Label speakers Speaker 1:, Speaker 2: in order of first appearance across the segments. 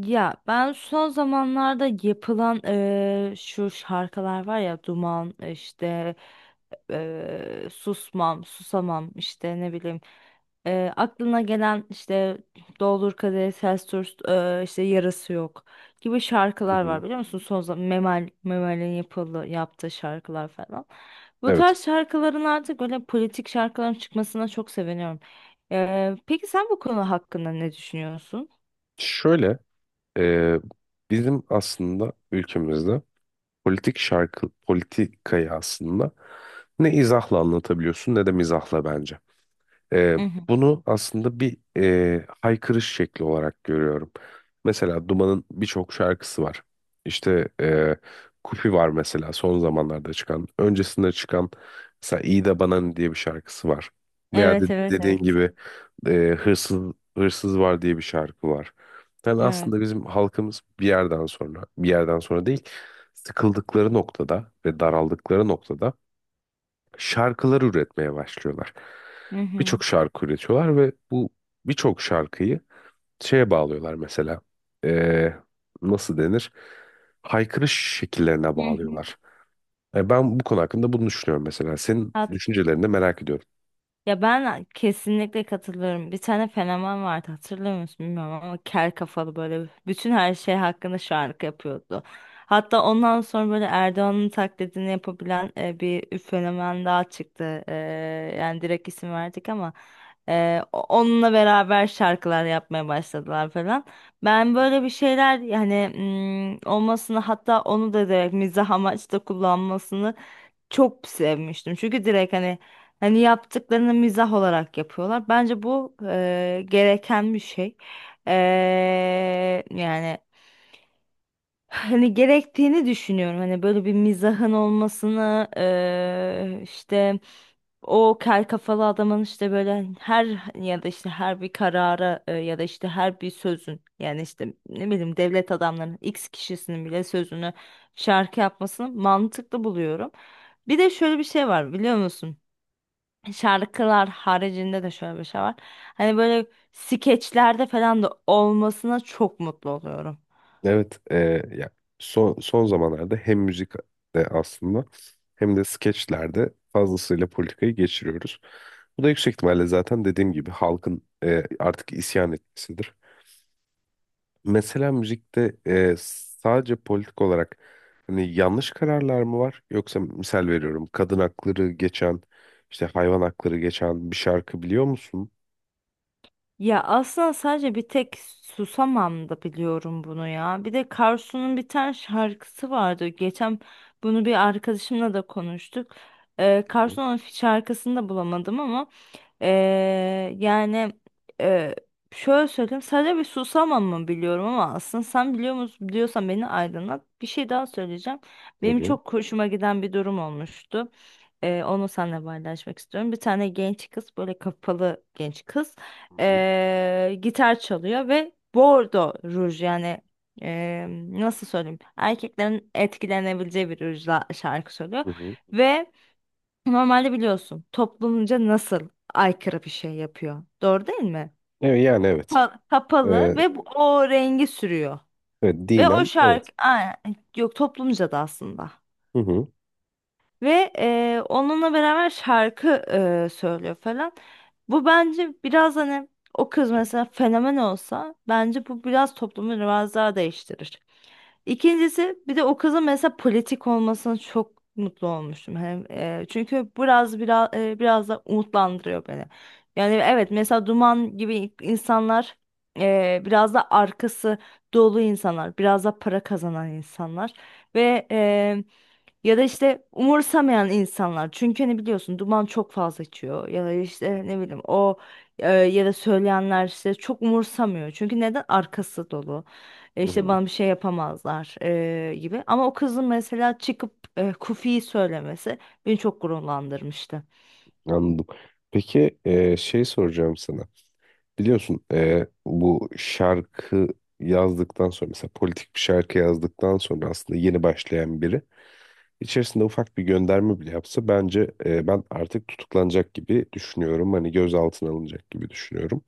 Speaker 1: Ya ben son zamanlarda yapılan şu şarkılar var ya Duman işte Susmam Susamam işte ne bileyim aklına gelen işte Doldur Kadehi Ters Tut işte Yarası Yok gibi
Speaker 2: Hı
Speaker 1: şarkılar
Speaker 2: hı.
Speaker 1: var biliyor musun? Son zaman Memel'in yaptığı şarkılar falan. Bu
Speaker 2: Evet.
Speaker 1: tarz şarkıların artık böyle politik şarkıların çıkmasına çok seviniyorum. Peki sen bu konu hakkında ne düşünüyorsun?
Speaker 2: Şöyle e, bizim aslında ülkemizde politik şarkı politikayı aslında ne izahla anlatabiliyorsun ne de mizahla bence. Ee, Bunu aslında bir haykırış şekli olarak görüyorum. Mesela Duman'ın birçok şarkısı var. İşte Kupi var mesela son zamanlarda çıkan. Öncesinde çıkan mesela İyi de Bana Ne diye bir şarkısı var. Veya de,
Speaker 1: Evet, evet,
Speaker 2: dediğin
Speaker 1: evet.
Speaker 2: gibi Hırsız Hırsız var diye bir şarkı var. Yani
Speaker 1: Evet.
Speaker 2: aslında bizim halkımız bir yerden sonra değil, sıkıldıkları noktada ve daraldıkları noktada şarkılar üretmeye başlıyorlar.
Speaker 1: Hı hı.
Speaker 2: Birçok şarkı üretiyorlar ve bu birçok şarkıyı şeye bağlıyorlar mesela. Ee, Nasıl denir? Haykırış şekillerine
Speaker 1: Hı hı.
Speaker 2: bağlıyorlar. Ben bu konu hakkında bunu düşünüyorum mesela. Senin düşüncelerini de merak ediyorum.
Speaker 1: Ya ben kesinlikle katılıyorum. Bir tane fenomen vardı hatırlıyor musun bilmiyorum ama kel kafalı böyle bütün her şey hakkında şarkı yapıyordu. Hatta ondan sonra böyle Erdoğan'ın taklidini yapabilen bir fenomen daha çıktı. Yani direkt isim verdik ama onunla beraber şarkılar yapmaya başladılar falan. Ben
Speaker 2: Hı
Speaker 1: böyle
Speaker 2: hı.
Speaker 1: bir şeyler yani olmasını hatta onu da direkt mizah amaçlı kullanmasını çok sevmiştim. Çünkü direkt hani hani yaptıklarını mizah olarak yapıyorlar. Bence bu gereken bir şey. Yani hani gerektiğini düşünüyorum. Hani böyle bir mizahın olmasını işte o kel kafalı adamın işte böyle her ya da işte her bir karara ya da işte her bir sözün yani işte ne bileyim devlet adamlarının X kişisinin bile sözünü şarkı yapmasını mantıklı buluyorum. Bir de şöyle bir şey var biliyor musun? Şarkılar haricinde de şöyle bir şey var. Hani böyle skeçlerde falan da olmasına çok mutlu oluyorum.
Speaker 2: Evet, ya son zamanlarda hem müzikte aslında hem de skeçlerde fazlasıyla politikayı geçiriyoruz. Bu da yüksek ihtimalle zaten dediğim gibi halkın artık isyan etmesidir. Mesela müzikte sadece politik olarak hani yanlış kararlar mı var? Yoksa misal veriyorum kadın hakları geçen işte hayvan hakları geçen bir şarkı biliyor musun?
Speaker 1: Ya aslında sadece bir tek Susamam da biliyorum bunu ya. Bir de Karsu'nun bir tane şarkısı vardı. Geçen bunu bir arkadaşımla da konuştuk.
Speaker 2: Hı hı,
Speaker 1: Karsu'nun şarkısını da bulamadım ama ee, yani ee, şöyle söyleyeyim, sadece bir Susamam mı biliyorum ama aslında sen biliyor musun, biliyorsan beni aydınlat. Bir şey daha söyleyeceğim. Benim
Speaker 2: tabii.
Speaker 1: çok hoşuma giden bir durum olmuştu. Onu seninle paylaşmak istiyorum. Bir tane genç kız, böyle kapalı genç kız,
Speaker 2: Hı hı,
Speaker 1: gitar çalıyor ve bordo ruj, yani eee, nasıl söyleyeyim, erkeklerin etkilenebileceği bir rujla şarkı söylüyor
Speaker 2: hı hı.
Speaker 1: ve normalde biliyorsun toplumca nasıl aykırı bir şey yapıyor, doğru değil mi?
Speaker 2: Evet, yani evet. E,
Speaker 1: Kapalı ve o rengi sürüyor
Speaker 2: evet
Speaker 1: ve o
Speaker 2: dinen evet.
Speaker 1: şarkı aa, yok toplumca da aslında.
Speaker 2: Hı hı.
Speaker 1: Ve onunla beraber şarkı söylüyor falan. Bu bence biraz hani o kız mesela fenomen olsa bence bu biraz toplumu biraz daha değiştirir. İkincisi, bir de o kızın mesela politik olmasına çok mutlu olmuştum. Hem çünkü biraz biraz da umutlandırıyor beni. Yani
Speaker 2: Hı
Speaker 1: evet,
Speaker 2: hı,
Speaker 1: mesela Duman gibi insanlar, biraz da arkası dolu insanlar, biraz da para kazanan insanlar ve ya da işte umursamayan insanlar. Çünkü hani biliyorsun duman çok fazla içiyor. Ya da
Speaker 2: hı
Speaker 1: işte
Speaker 2: hı,
Speaker 1: ne bileyim o ya da söyleyenler işte çok umursamıyor. Çünkü neden? Arkası dolu.
Speaker 2: hı
Speaker 1: İşte
Speaker 2: hı.
Speaker 1: bana bir şey yapamazlar gibi. Ama o kızın mesela çıkıp Kufi'yi söylemesi beni çok gururlandırmıştı.
Speaker 2: Anladım. Peki şey soracağım sana. Biliyorsun bu şarkı yazdıktan sonra mesela politik bir şarkı yazdıktan sonra aslında yeni başlayan biri içerisinde ufak bir gönderme bile yapsa bence ben artık tutuklanacak gibi düşünüyorum. Hani gözaltına alınacak gibi düşünüyorum.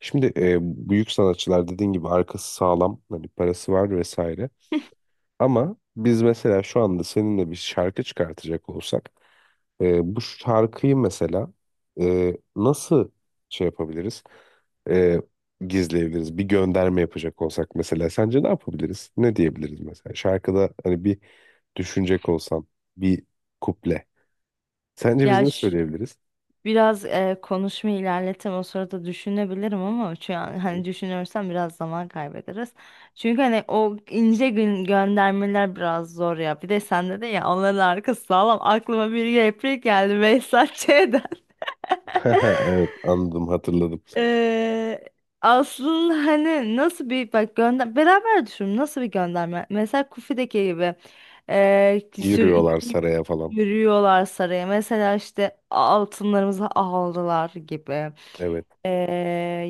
Speaker 2: Şimdi büyük sanatçılar dediğin gibi arkası sağlam, hani parası var vesaire. Ama biz mesela şu anda seninle bir şarkı çıkartacak olsak bu şarkıyı mesela nasıl şey yapabiliriz? E, Gizleyebiliriz. Bir gönderme yapacak olsak mesela sence ne yapabiliriz? Ne diyebiliriz mesela? Şarkıda hani bir düşünecek olsam bir kuple. Sence biz
Speaker 1: Ya
Speaker 2: ne söyleyebiliriz?
Speaker 1: biraz konuşma ilerletem, o sırada düşünebilirim ama şu
Speaker 2: Hı
Speaker 1: an
Speaker 2: hı.
Speaker 1: hani düşünürsem biraz zaman kaybederiz. Çünkü hani o ince gün göndermeler biraz zor ya. Bir de sende de ya onların arkası sağlam. Aklıma bir replik geldi Behzat Ç'den.
Speaker 2: Evet anladım hatırladım.
Speaker 1: Ee, Aslında hani nasıl bir bak gönder, beraber düşünün nasıl bir gönderme, mesela Kufi'deki gibi ee, ki sür-
Speaker 2: Yürüyorlar saraya falan.
Speaker 1: yürüyorlar saraya, mesela işte altınlarımızı aldılar gibi.
Speaker 2: Evet.
Speaker 1: Ee,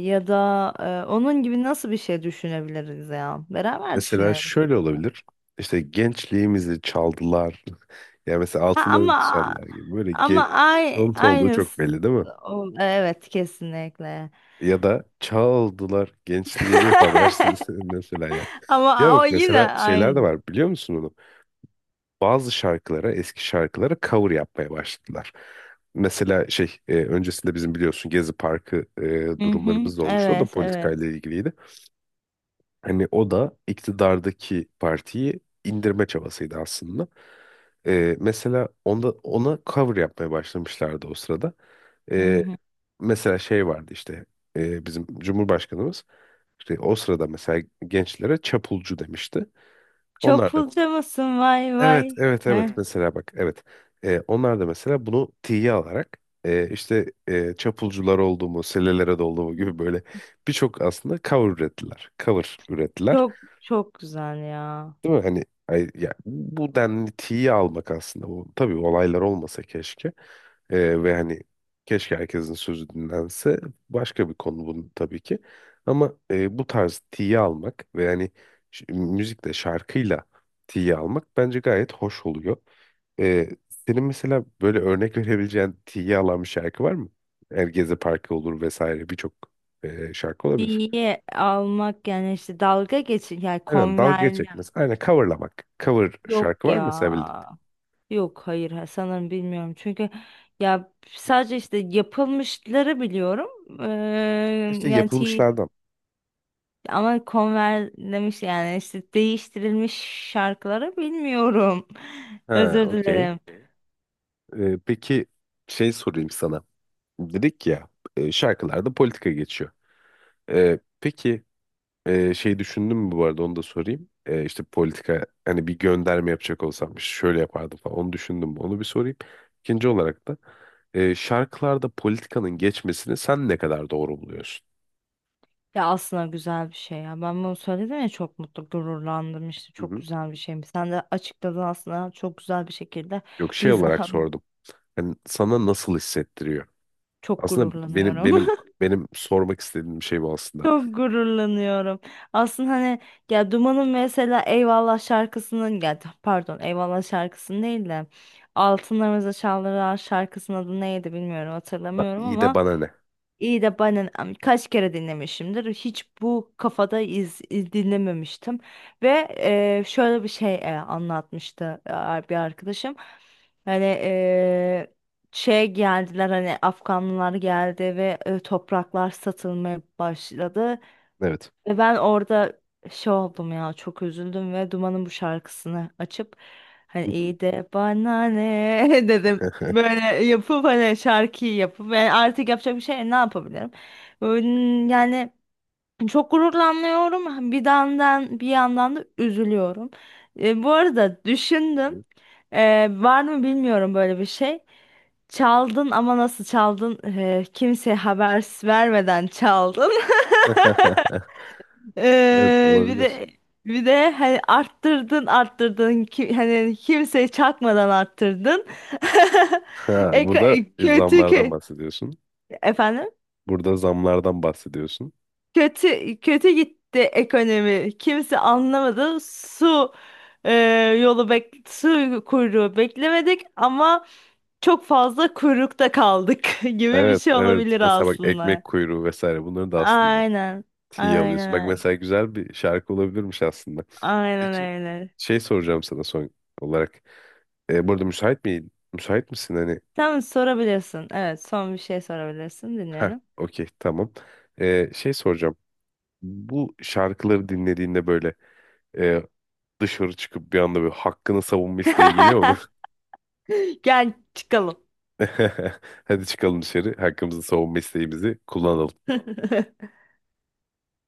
Speaker 1: Ya da onun gibi nasıl bir şey düşünebiliriz, ya beraber
Speaker 2: Mesela
Speaker 1: düşünelim.
Speaker 2: şöyle olabilir. İşte gençliğimizi çaldılar. Yani mesela
Speaker 1: Ha,
Speaker 2: altınlarımızı
Speaker 1: ama
Speaker 2: çaldılar gibi. Böyle ge
Speaker 1: ay,
Speaker 2: çalıntı olduğu çok
Speaker 1: aynısı.
Speaker 2: belli değil mi?
Speaker 1: Evet, kesinlikle.
Speaker 2: Ya da çaldılar gençliğimi habersiz mesela ya. Ya
Speaker 1: Ama o
Speaker 2: bak
Speaker 1: yine
Speaker 2: mesela şeyler de
Speaker 1: aynı.
Speaker 2: var biliyor musun onu? Bazı şarkılara, eski şarkılara cover yapmaya başladılar. Mesela şey öncesinde bizim biliyorsun Gezi Parkı
Speaker 1: Hı hı.
Speaker 2: durumlarımız da olmuştu. O da
Speaker 1: Evet, evet.
Speaker 2: politikayla ilgiliydi. Hani o da iktidardaki partiyi indirme çabasıydı aslında. Mesela ona cover yapmaya başlamışlardı o sırada.
Speaker 1: Hı
Speaker 2: Ee,
Speaker 1: hı.
Speaker 2: Mesela şey vardı işte bizim Cumhurbaşkanımız işte o sırada mesela gençlere çapulcu demişti.
Speaker 1: Çok
Speaker 2: Onlar da
Speaker 1: pulcu musun? Vay
Speaker 2: evet
Speaker 1: vay. Heh.
Speaker 2: evet evet
Speaker 1: Evet.
Speaker 2: mesela bak evet. Onlar da mesela bunu tiye alarak çapulcular olduğumu, selelere dolduğumu gibi böyle birçok aslında cover ürettiler.
Speaker 1: Çok çok güzel ya.
Speaker 2: Değil mi? Hani ay- ya, bu denli tiye almak aslında. Bu, tabii olaylar olmasa keşke. Ve hani keşke herkesin sözü dinlense. Başka bir konu bunun tabii ki. Ama bu tarz tiye almak ve hani ş- müzikle, şarkıyla tiye almak bence gayet hoş oluyor. Ee, Senin mesela böyle örnek verebileceğin tiye alan bir şarkı var mı? Yani Gezi Parkı olur vesaire birçok şarkı olabilir.
Speaker 1: Diye almak, yani işte dalga geçin, yani
Speaker 2: Aynen dalga geçmek
Speaker 1: konverlem.
Speaker 2: mesela. Aynen coverlamak. Cover şarkı
Speaker 1: Yok
Speaker 2: var
Speaker 1: ya.
Speaker 2: mı mesela?
Speaker 1: Yok, hayır, ha, sanırım bilmiyorum. Çünkü ya sadece işte yapılmışları biliyorum. Ee,
Speaker 2: İşte
Speaker 1: yani T-
Speaker 2: yapılmışlardan.
Speaker 1: Ama konverlemiş, yani işte değiştirilmiş şarkıları bilmiyorum.
Speaker 2: Ha,
Speaker 1: Özür
Speaker 2: okey.
Speaker 1: dilerim.
Speaker 2: Peki şey sorayım sana. Dedik ya şarkılarda politika geçiyor. Peki şey düşündün mü bu arada, onu da sorayım. İşte politika, hani bir gönderme yapacak olsam işte şöyle yapardım falan, onu düşündün mü? Onu bir sorayım. İkinci olarak da şarkılarda politikanın geçmesini sen ne kadar doğru buluyorsun?
Speaker 1: Ya aslında güzel bir şey ya. Ben bunu söyledim ya, çok mutlu, gururlandım, işte
Speaker 2: Hı
Speaker 1: çok
Speaker 2: hı.
Speaker 1: güzel bir şeymiş. Sen de açıkladın aslında çok güzel bir şekilde.
Speaker 2: Yok şey olarak
Speaker 1: Mizaha
Speaker 2: sordum. Hani sana nasıl hissettiriyor?
Speaker 1: çok
Speaker 2: Aslında benim
Speaker 1: gururlanıyorum.
Speaker 2: benim benim sormak istediğim şey bu aslında.
Speaker 1: Çok gururlanıyorum. Aslında hani ya Duman'ın mesela Eyvallah şarkısının, ya pardon Eyvallah şarkısının değil de Altınlarımıza Çaldırılan şarkısının adı neydi bilmiyorum,
Speaker 2: Ba-
Speaker 1: hatırlamıyorum
Speaker 2: İyi de
Speaker 1: ama
Speaker 2: bana ne?
Speaker 1: İyi de ben kaç kere dinlemişimdir. Hiç bu kafada dinlememiştim. Ve şöyle bir şey anlatmıştı bir arkadaşım. Hani şey geldiler, hani Afganlılar geldi ve topraklar satılmaya başladı.
Speaker 2: Evet.
Speaker 1: Ve ben orada şey oldum ya, çok üzüldüm ve Duman'ın bu şarkısını açıp hani
Speaker 2: Hı
Speaker 1: iyi de bana ne dedim.
Speaker 2: hı.
Speaker 1: Böyle yapıp hani şarkıyı yapıp ve artık yapacak bir şey, ne yapabilirim? Yani çok gururlanıyorum bir yandan, bir yandan da üzülüyorum. Bu arada düşündüm. Var mı bilmiyorum böyle bir şey. Çaldın ama nasıl çaldın? Kimseye haber vermeden çaldın.
Speaker 2: Evet
Speaker 1: Bir
Speaker 2: olabilir.
Speaker 1: de hani arttırdın, arttırdın ki, hani kimseye çakmadan arttırdın.
Speaker 2: Ha, burada
Speaker 1: Kötü
Speaker 2: zamlardan
Speaker 1: ki
Speaker 2: bahsediyorsun.
Speaker 1: efendim,
Speaker 2: Burada zamlardan bahsediyorsun.
Speaker 1: kötü kötü gitti ekonomi. Kimse anlamadı. Su e, yolu bek su kuyruğu beklemedik ama çok fazla kuyrukta kaldık gibi bir
Speaker 2: Evet,
Speaker 1: şey
Speaker 2: evet.
Speaker 1: olabilir
Speaker 2: Mesela bak ekmek
Speaker 1: aslında.
Speaker 2: kuyruğu vesaire bunları da aslında
Speaker 1: Aynen.
Speaker 2: tiye
Speaker 1: Aynen
Speaker 2: alıyorsun. Bak
Speaker 1: öyle.
Speaker 2: mesela güzel bir şarkı olabilirmiş aslında.
Speaker 1: Aynen
Speaker 2: Peki
Speaker 1: öyle.
Speaker 2: şey soracağım sana son olarak. Burada müsait mi? Müsait misin hani?
Speaker 1: Tamam, sorabilirsin. Evet, son bir şey sorabilirsin.
Speaker 2: Ha,
Speaker 1: Dinliyorum.
Speaker 2: okey tamam. Şey soracağım. Bu şarkıları dinlediğinde böyle e, dışarı çıkıp bir anda böyle hakkını savunma isteği geliyor.
Speaker 1: Gel çıkalım.
Speaker 2: Hadi çıkalım dışarı. Hakkımızı savunma isteğimizi kullanalım.